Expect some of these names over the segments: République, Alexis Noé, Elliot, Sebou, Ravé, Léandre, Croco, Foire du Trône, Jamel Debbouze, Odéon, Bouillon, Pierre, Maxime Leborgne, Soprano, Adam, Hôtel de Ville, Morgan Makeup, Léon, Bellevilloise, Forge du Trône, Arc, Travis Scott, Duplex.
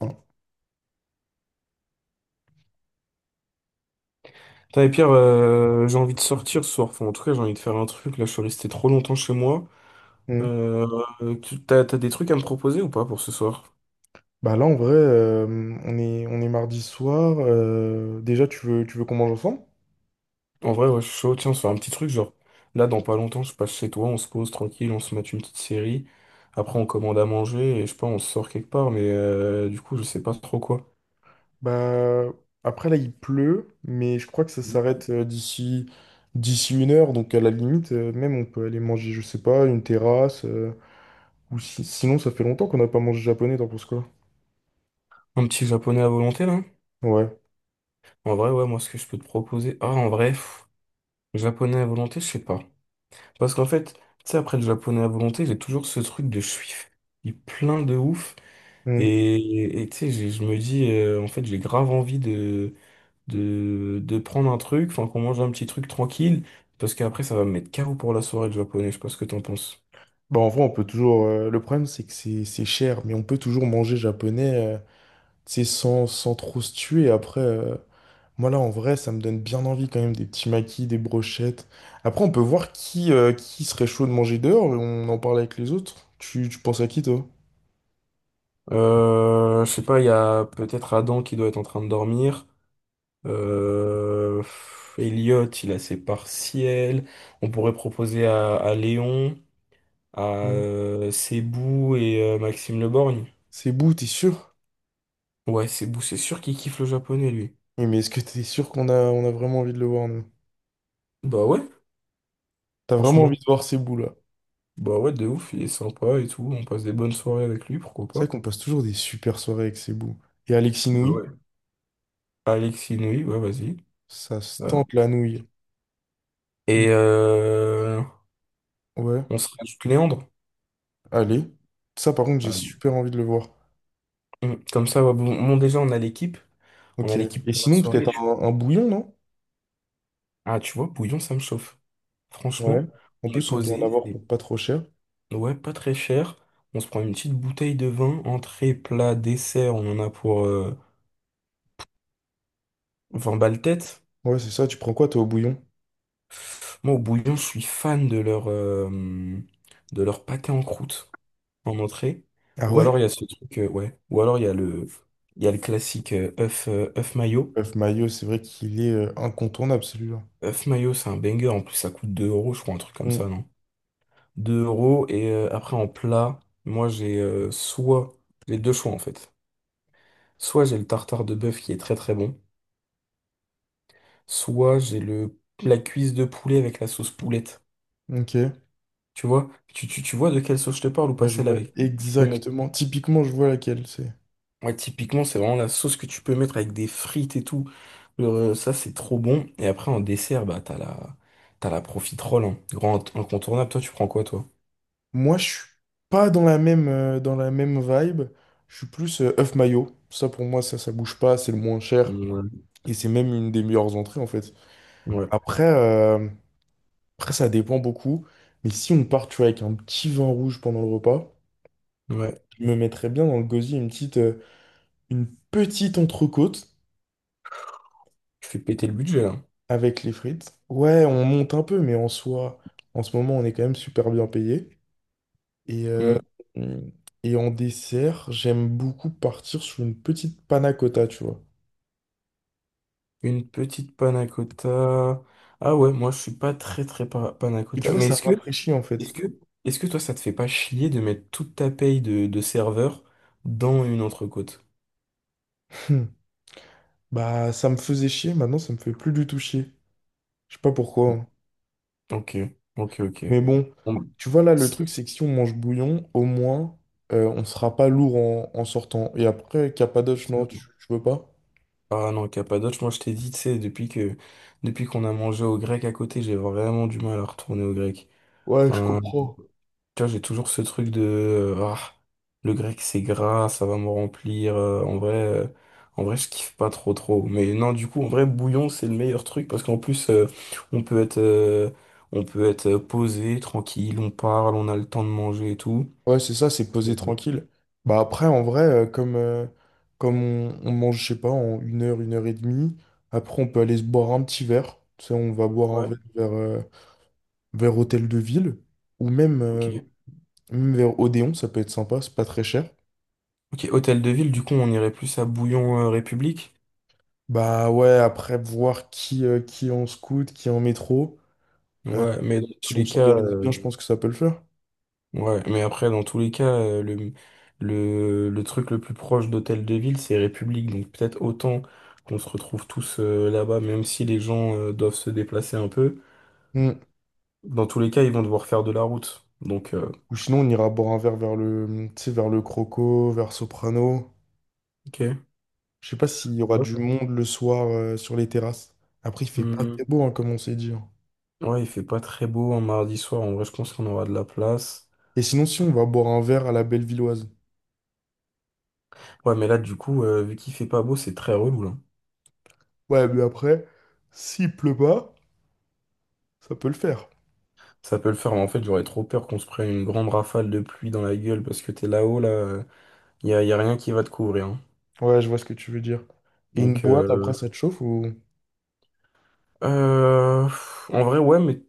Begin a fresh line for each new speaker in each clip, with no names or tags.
Voilà.
Putain, et Pierre, j'ai envie de sortir ce soir. Enfin, en tout cas, j'ai envie de faire un truc. Là, je suis resté trop longtemps chez moi.
Mm.
Euh, t'as des trucs à me proposer ou pas pour ce soir?
Là, en vrai, on est mardi soir. Déjà, tu veux qu'on mange ensemble?
En vrai, ouais, je suis chaud. Tiens, on se fait un petit truc, genre, là, dans pas longtemps, je passe chez toi, on se pose tranquille, on se met une petite série. Après, on commande à manger et je sais pas, on se sort quelque part, mais du coup, je sais pas trop quoi.
Bah, après, là, il pleut, mais je crois que ça s'arrête d'ici, d'ici une heure. Donc, à la limite, même, on peut aller manger, je sais pas, une terrasse. Ou si- Sinon, ça fait longtemps qu'on n'a pas mangé japonais, t'en penses quoi?
Un petit japonais à volonté, là?
Ouais.
En vrai, ouais, moi, ce que je peux te proposer. Ah, en vrai, pff, japonais à volonté, je sais pas. Parce qu'en fait, tu sais, après le japonais à volonté, j'ai toujours ce truc de je suis plein de ouf.
Mm.
Et tu sais, je me dis, en fait, j'ai grave envie de prendre un truc, enfin, qu'on mange un petit truc tranquille, parce qu'après, ça va me mettre carreau pour la soirée de japonais, je sais pas ce que t'en penses.
Bah, en vrai, on peut toujours. Le problème, c'est que c'est cher, mais on peut toujours manger japonais, tu sais, sans, sans trop se tuer. Après. Moi là en vrai ça me donne bien envie quand même des petits maquis, des brochettes. Après on peut voir qui serait chaud de manger dehors et on en parle avec les autres. Tu penses à qui toi?
Je sais pas, il y a peut-être Adam qui doit être en train de dormir. Elliot, il a ses partiels. On pourrait proposer à Léon, à
Mm.
Sebou et Maxime Leborgne.
Sebou, t'es sûr?
Ouais, c'est sûr qu'il kiffe le japonais, lui.
Oui mais est-ce que t'es sûr qu'on a, on a vraiment envie de le voir nous?
Bah ouais,
T'as vraiment
franchement.
envie de voir Sebou là?
Bah ouais, de ouf, il est sympa et tout. On passe des bonnes soirées avec lui, pourquoi
C'est
pas.
vrai qu'on passe toujours des super soirées avec Sebou. Et Alexis
Bah
Nouilh,
ouais. Alexis Noé, ouais, vas-y.
ça se
Ouais.
tente la nouille. Mm.
Et
Ouais,
on se rajoute Léandre.
allez. Ça par contre j'ai
Allez.
super envie de le voir.
Mm, comme ça, ouais, bon, déjà, on a l'équipe. On a
Ok.
l'équipe
Et
pour la
sinon
soirée.
peut-être un bouillon non?
Ah, tu vois, bouillon, ça me chauffe.
Ouais.
Franchement,
En
on est
plus on peut en
posé.
avoir pour pas trop cher.
Ouais, pas très cher. On se prend une petite bouteille de vin, entrée, plat, dessert. On en a pour 20 balles tête.
Ouais, c'est ça. Tu prends quoi, toi, au bouillon?
Moi, au bouillon, je suis fan de leur pâté en croûte en entrée.
Ah
Ou alors,
ouais?
il y a ce truc, ouais. Ou alors, il y a le classique œuf mayo.
Bref, mayo c'est vrai qu'il est incontournable, celui-là.
Œuf mayo, c'est un banger. En plus, ça coûte 2 euros, je crois, un truc comme ça,
Hmm.
non? 2 euros. Et après, en plat, moi, j'ai soit les deux choix, en fait. Soit j'ai le tartare de bœuf qui est très très bon. Soit j'ai le, la cuisse de poulet avec la sauce poulette.
Ok.
Tu vois? Tu vois de quelle sauce je te parle ou pas
Bah, je
celle
vois
avec? Tu peux mettre
exactement. Typiquement, je vois laquelle c'est.
Ouais, typiquement, c'est vraiment la sauce que tu peux mettre avec des frites et tout. Ça, c'est trop bon. Et après, en dessert, bah, t'as la profiterole, hein. Grand incontournable. Toi, tu prends quoi, toi?
Moi, je suis pas dans la même, dans la même vibe. Je suis plus œuf mayo. Ça, pour moi, ça bouge pas. C'est le moins cher.
Ouais.
Et c'est même une des meilleures entrées, en fait.
Ouais,
Après, ça dépend beaucoup. Mais si on part, tu vois, avec un petit vin rouge pendant le repas,
ouais.
je me mettrais bien dans le gosier une petite entrecôte.
Tu fais péter le budget, là.
Avec les frites. Ouais, on monte un peu, mais en soi, en ce moment, on est quand même super bien payé. Et, euh,
Mm.
et en dessert, j'aime beaucoup partir sur une petite panna cotta, tu vois.
Une petite panna cotta. Ah ouais, moi, je suis pas très, panna
Et tu
cotta.
vois,
Mais
ça rafraîchit en
est-ce
fait.
que, est-ce que toi, ça te fait pas chier de mettre toute ta paye de serveur dans une entrecôte?
Hmm. Bah, ça me faisait chier, maintenant, ça me fait plus du tout chier. Je sais pas pourquoi, hein.
Ok, ok.
Mais bon,
Bon, bah,
tu vois, là, le
c'est-
truc, c'est que si on mange bouillon, au moins, on sera pas lourd en, en sortant. Et après, capadoche, non, tu veux pas?
Ah non, Cappadoce, moi je t'ai dit, tu sais, depuis qu'on a mangé au grec à côté, j'ai vraiment du mal à retourner au grec.
Ouais, je
Enfin,
comprends.
tu vois, j'ai toujours ce truc de ah, le grec c'est gras, ça va me remplir. En vrai, je kiffe pas trop trop. Mais non, du coup, en vrai, bouillon, c'est le meilleur truc parce qu'en plus, on peut être posé, tranquille, on parle, on a le temps de manger et tout.
Ouais, c'est ça, c'est poser
Mhm.
tranquille. Bah après, en vrai, comme on mange, je sais pas, en une heure et demie, après on peut aller se boire un petit verre. Tu sais, on va boire un
Ouais,
verre vers, vers Hôtel de Ville ou même,
ok.
même vers Odéon, ça peut être sympa, c'est pas très cher.
Ok, hôtel de ville, du coup, on irait plus à Bouillon République.
Bah ouais, après voir qui est en scoot, qui est en métro. euh,
Ouais, mais dans tous
si on
les cas.
s'organise bien, je pense que ça peut le faire.
Ouais, mais après, dans tous les cas, le truc le plus proche d'Hôtel de Ville, c'est République. Donc peut-être autant qu'on se retrouve tous là-bas, même si les gens doivent se déplacer un peu.
Mm.
Dans tous les cas, ils vont devoir faire de la route. Donc,
Ou sinon, on ira boire un verre vers le, tu sais, vers le Croco, vers Soprano.
ok.
Je sais pas s'il y aura
Ouais.
du monde le soir sur les terrasses. Après, il fait pas très
Mhm.
beau, hein, comme on s'est dit, hein.
Ouais, il fait pas très beau un mardi soir. En vrai, je pense qu'on aura de la place.
Et sinon, si on va boire un verre à la Bellevilloise.
Ouais, mais là, du coup, vu qu'il fait pas beau, c'est très relou, là.
Ouais, mais après, s'il pleut pas, ça peut le faire.
Ça peut le faire, mais en fait, j'aurais trop peur qu'on se prenne une grande rafale de pluie dans la gueule parce que t'es là-haut, là. Y a rien qui va te couvrir, hein.
Ouais, je vois ce que tu veux dire. Et une
Donc,
boîte, après, ça te chauffe ou...
Euh, en vrai, ouais, mais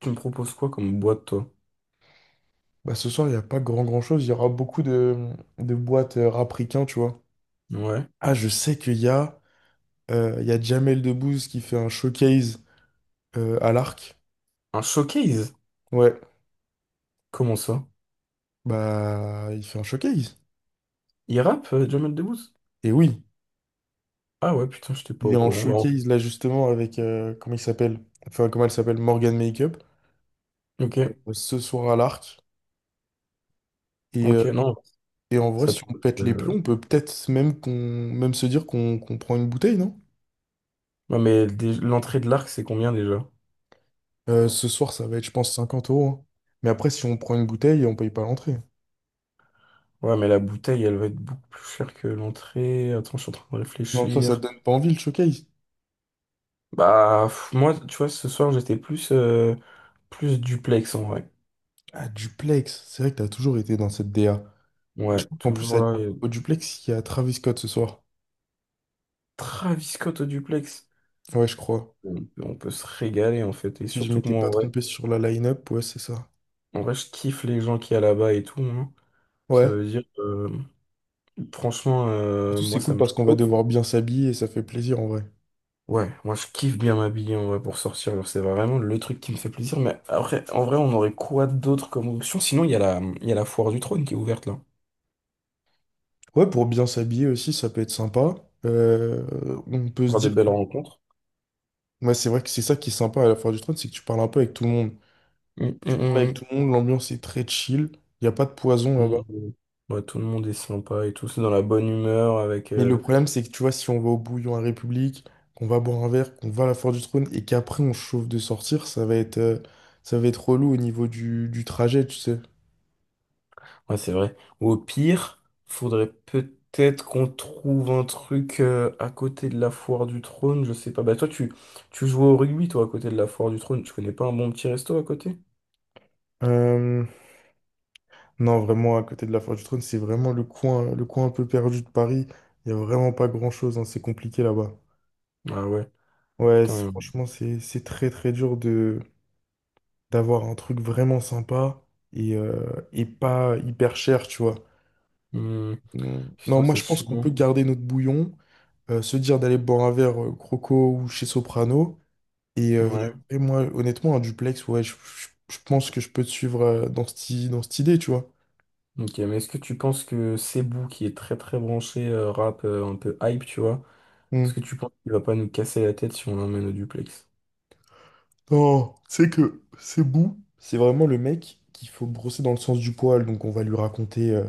tu me proposes quoi comme boîte, toi?
Bah, ce soir, il n'y a pas grand chose. Il y aura beaucoup de boîtes rap ricain, tu vois.
Ouais.
Ah, je sais qu'il y a, il y a Jamel Debbouze qui fait un showcase à l'Arc.
Un showcase?
Ouais,
Comment ça?
bah, il fait un showcase.
Il rappe, Jamel Debbouze?
Et oui.
Ah ouais, putain, j'étais pas
Il est
au
en
courant.
showcase là justement avec, comment il s'appelle? Enfin, comment elle s'appelle? Morgan Makeup,
Bah, ok,
ce soir à l'Arc. Et,
ok,
euh,
non,
et en vrai,
ça
si
peut
on pète
être,
les plombs, on peut peut-être même se dire qu'on prend une bouteille, non?
Non, mais l'entrée de l'arc, c'est combien déjà?
Ce soir, ça va être, je pense, 50 euros, hein. Mais après, si on prend une bouteille, on paye pas l'entrée.
Ouais, mais la bouteille, elle va être beaucoup plus chère que l'entrée. Attends, je suis en train de
Mais en soi, ça
réfléchir.
te donne pas envie le showcase.
Bah, pff, moi, tu vois, ce soir, plus duplex, en vrai.
Ah, Duplex, c'est vrai que t'as toujours été dans cette DA. Bah,
Ouais,
je crois qu'en plus,
toujours
à-
là.
au Duplex, il y a Travis Scott ce soir.
Travis Scott au duplex.
Ouais, je crois.
On peut se régaler en fait. Et
Si je
surtout que
m'étais pas
moi,
trompé sur la line-up, ouais, c'est ça.
en vrai, je kiffe les gens qui y a là-bas et tout, hein. Ça
Ouais.
veut dire, franchement,
Surtout,
moi,
c'est
ça
cool
me
parce qu'on va
chauffe.
devoir bien s'habiller et ça fait plaisir en vrai.
Ouais, moi, je kiffe bien m'habiller en vrai pour sortir. Genre, c'est vraiment le truc qui me fait plaisir. Mais après, en vrai, on aurait quoi d'autre comme option? Sinon, il y a la foire du trône qui est ouverte là.
Ouais, pour bien s'habiller aussi, ça peut être sympa. Euh, on peut se
Il des
dire
belles
qu'on...
rencontres.
Ouais, c'est vrai que c'est ça qui est sympa à la foire du trône, c'est que tu parles un peu avec tout le monde.
Mm,
Tu parles avec
mm,
tout le monde, l'ambiance est très chill, il n'y a pas de poison
mm.
là-bas.
Mm. Ouais, tout le monde est sympa et tout. C'est dans la bonne humeur avec.
Mais le problème, c'est que tu vois, si on va au Bouillon à République, qu'on va boire un verre, qu'on va à la foire du trône et qu'après on se chauffe de sortir, ça va être relou au niveau du trajet, tu sais.
Ouais, c'est vrai. Ou au pire, faudrait peut-être qu'on trouve un truc à côté de la foire du trône, je sais pas. Bah tu joues au rugby, toi, à côté de la foire du trône. Tu connais pas un bon petit resto à côté?
Euh, Non, vraiment, à côté de la Forge du Trône, c'est vraiment le coin un peu perdu de Paris. Il n'y a vraiment pas grand-chose, hein, c'est compliqué là-bas.
Ah ouais,
Ouais,
putain.
franchement, c'est très très dur de d'avoir un truc vraiment sympa et pas hyper cher, tu vois.
Hmm,
Mm. Non,
putain,
moi
c'est
je pense qu'on
chiant.
peut garder notre bouillon, se dire d'aller boire un verre Croco ou chez Soprano. Et, euh,
Ouais.
et moi, honnêtement, un duplex, ouais, je pense que je peux te suivre dans cette, dans cette idée, tu vois.
Ok, mais est-ce que tu penses que Cebu, qui est très très branché rap, un peu hype, tu vois, est-ce
Mm.
que tu penses qu'il va pas nous casser la tête si on l'emmène au duplex?
Non, c'est que c'est Sebou, c'est vraiment le mec qu'il faut brosser dans le sens du poil. Donc on va lui raconter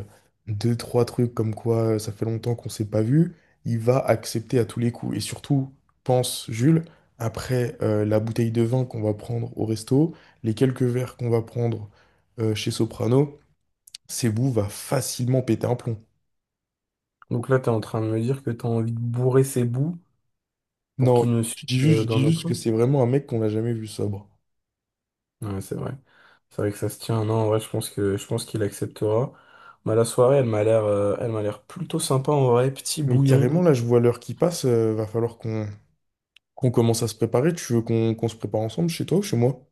deux, trois trucs comme quoi ça fait longtemps qu'on s'est pas vu. Il va accepter à tous les coups. Et surtout, pense Jules, après la bouteille de vin qu'on va prendre au resto, les quelques verres qu'on va prendre chez Soprano, Sebou va facilement péter un plomb.
Donc là, t'es en train de me dire que t'as envie de bourrer Cebu pour qu'il
Non,
nous suive
je
dans
dis
nos
juste que
plans.
c'est vraiment un mec qu'on n'a jamais vu sobre.
Ouais, c'est vrai. C'est vrai que ça se tient. Non, ouais, je pense qu'il acceptera. Bah, la soirée, elle m'a l'air plutôt sympa en vrai, petit
Mais
bouillon.
carrément, là, je vois l'heure qui passe, va falloir qu'on commence à se préparer. Tu veux qu'on se prépare ensemble chez toi ou chez moi?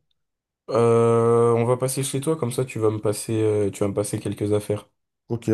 On va passer chez toi, comme ça tu vas me passer quelques affaires.
Ok,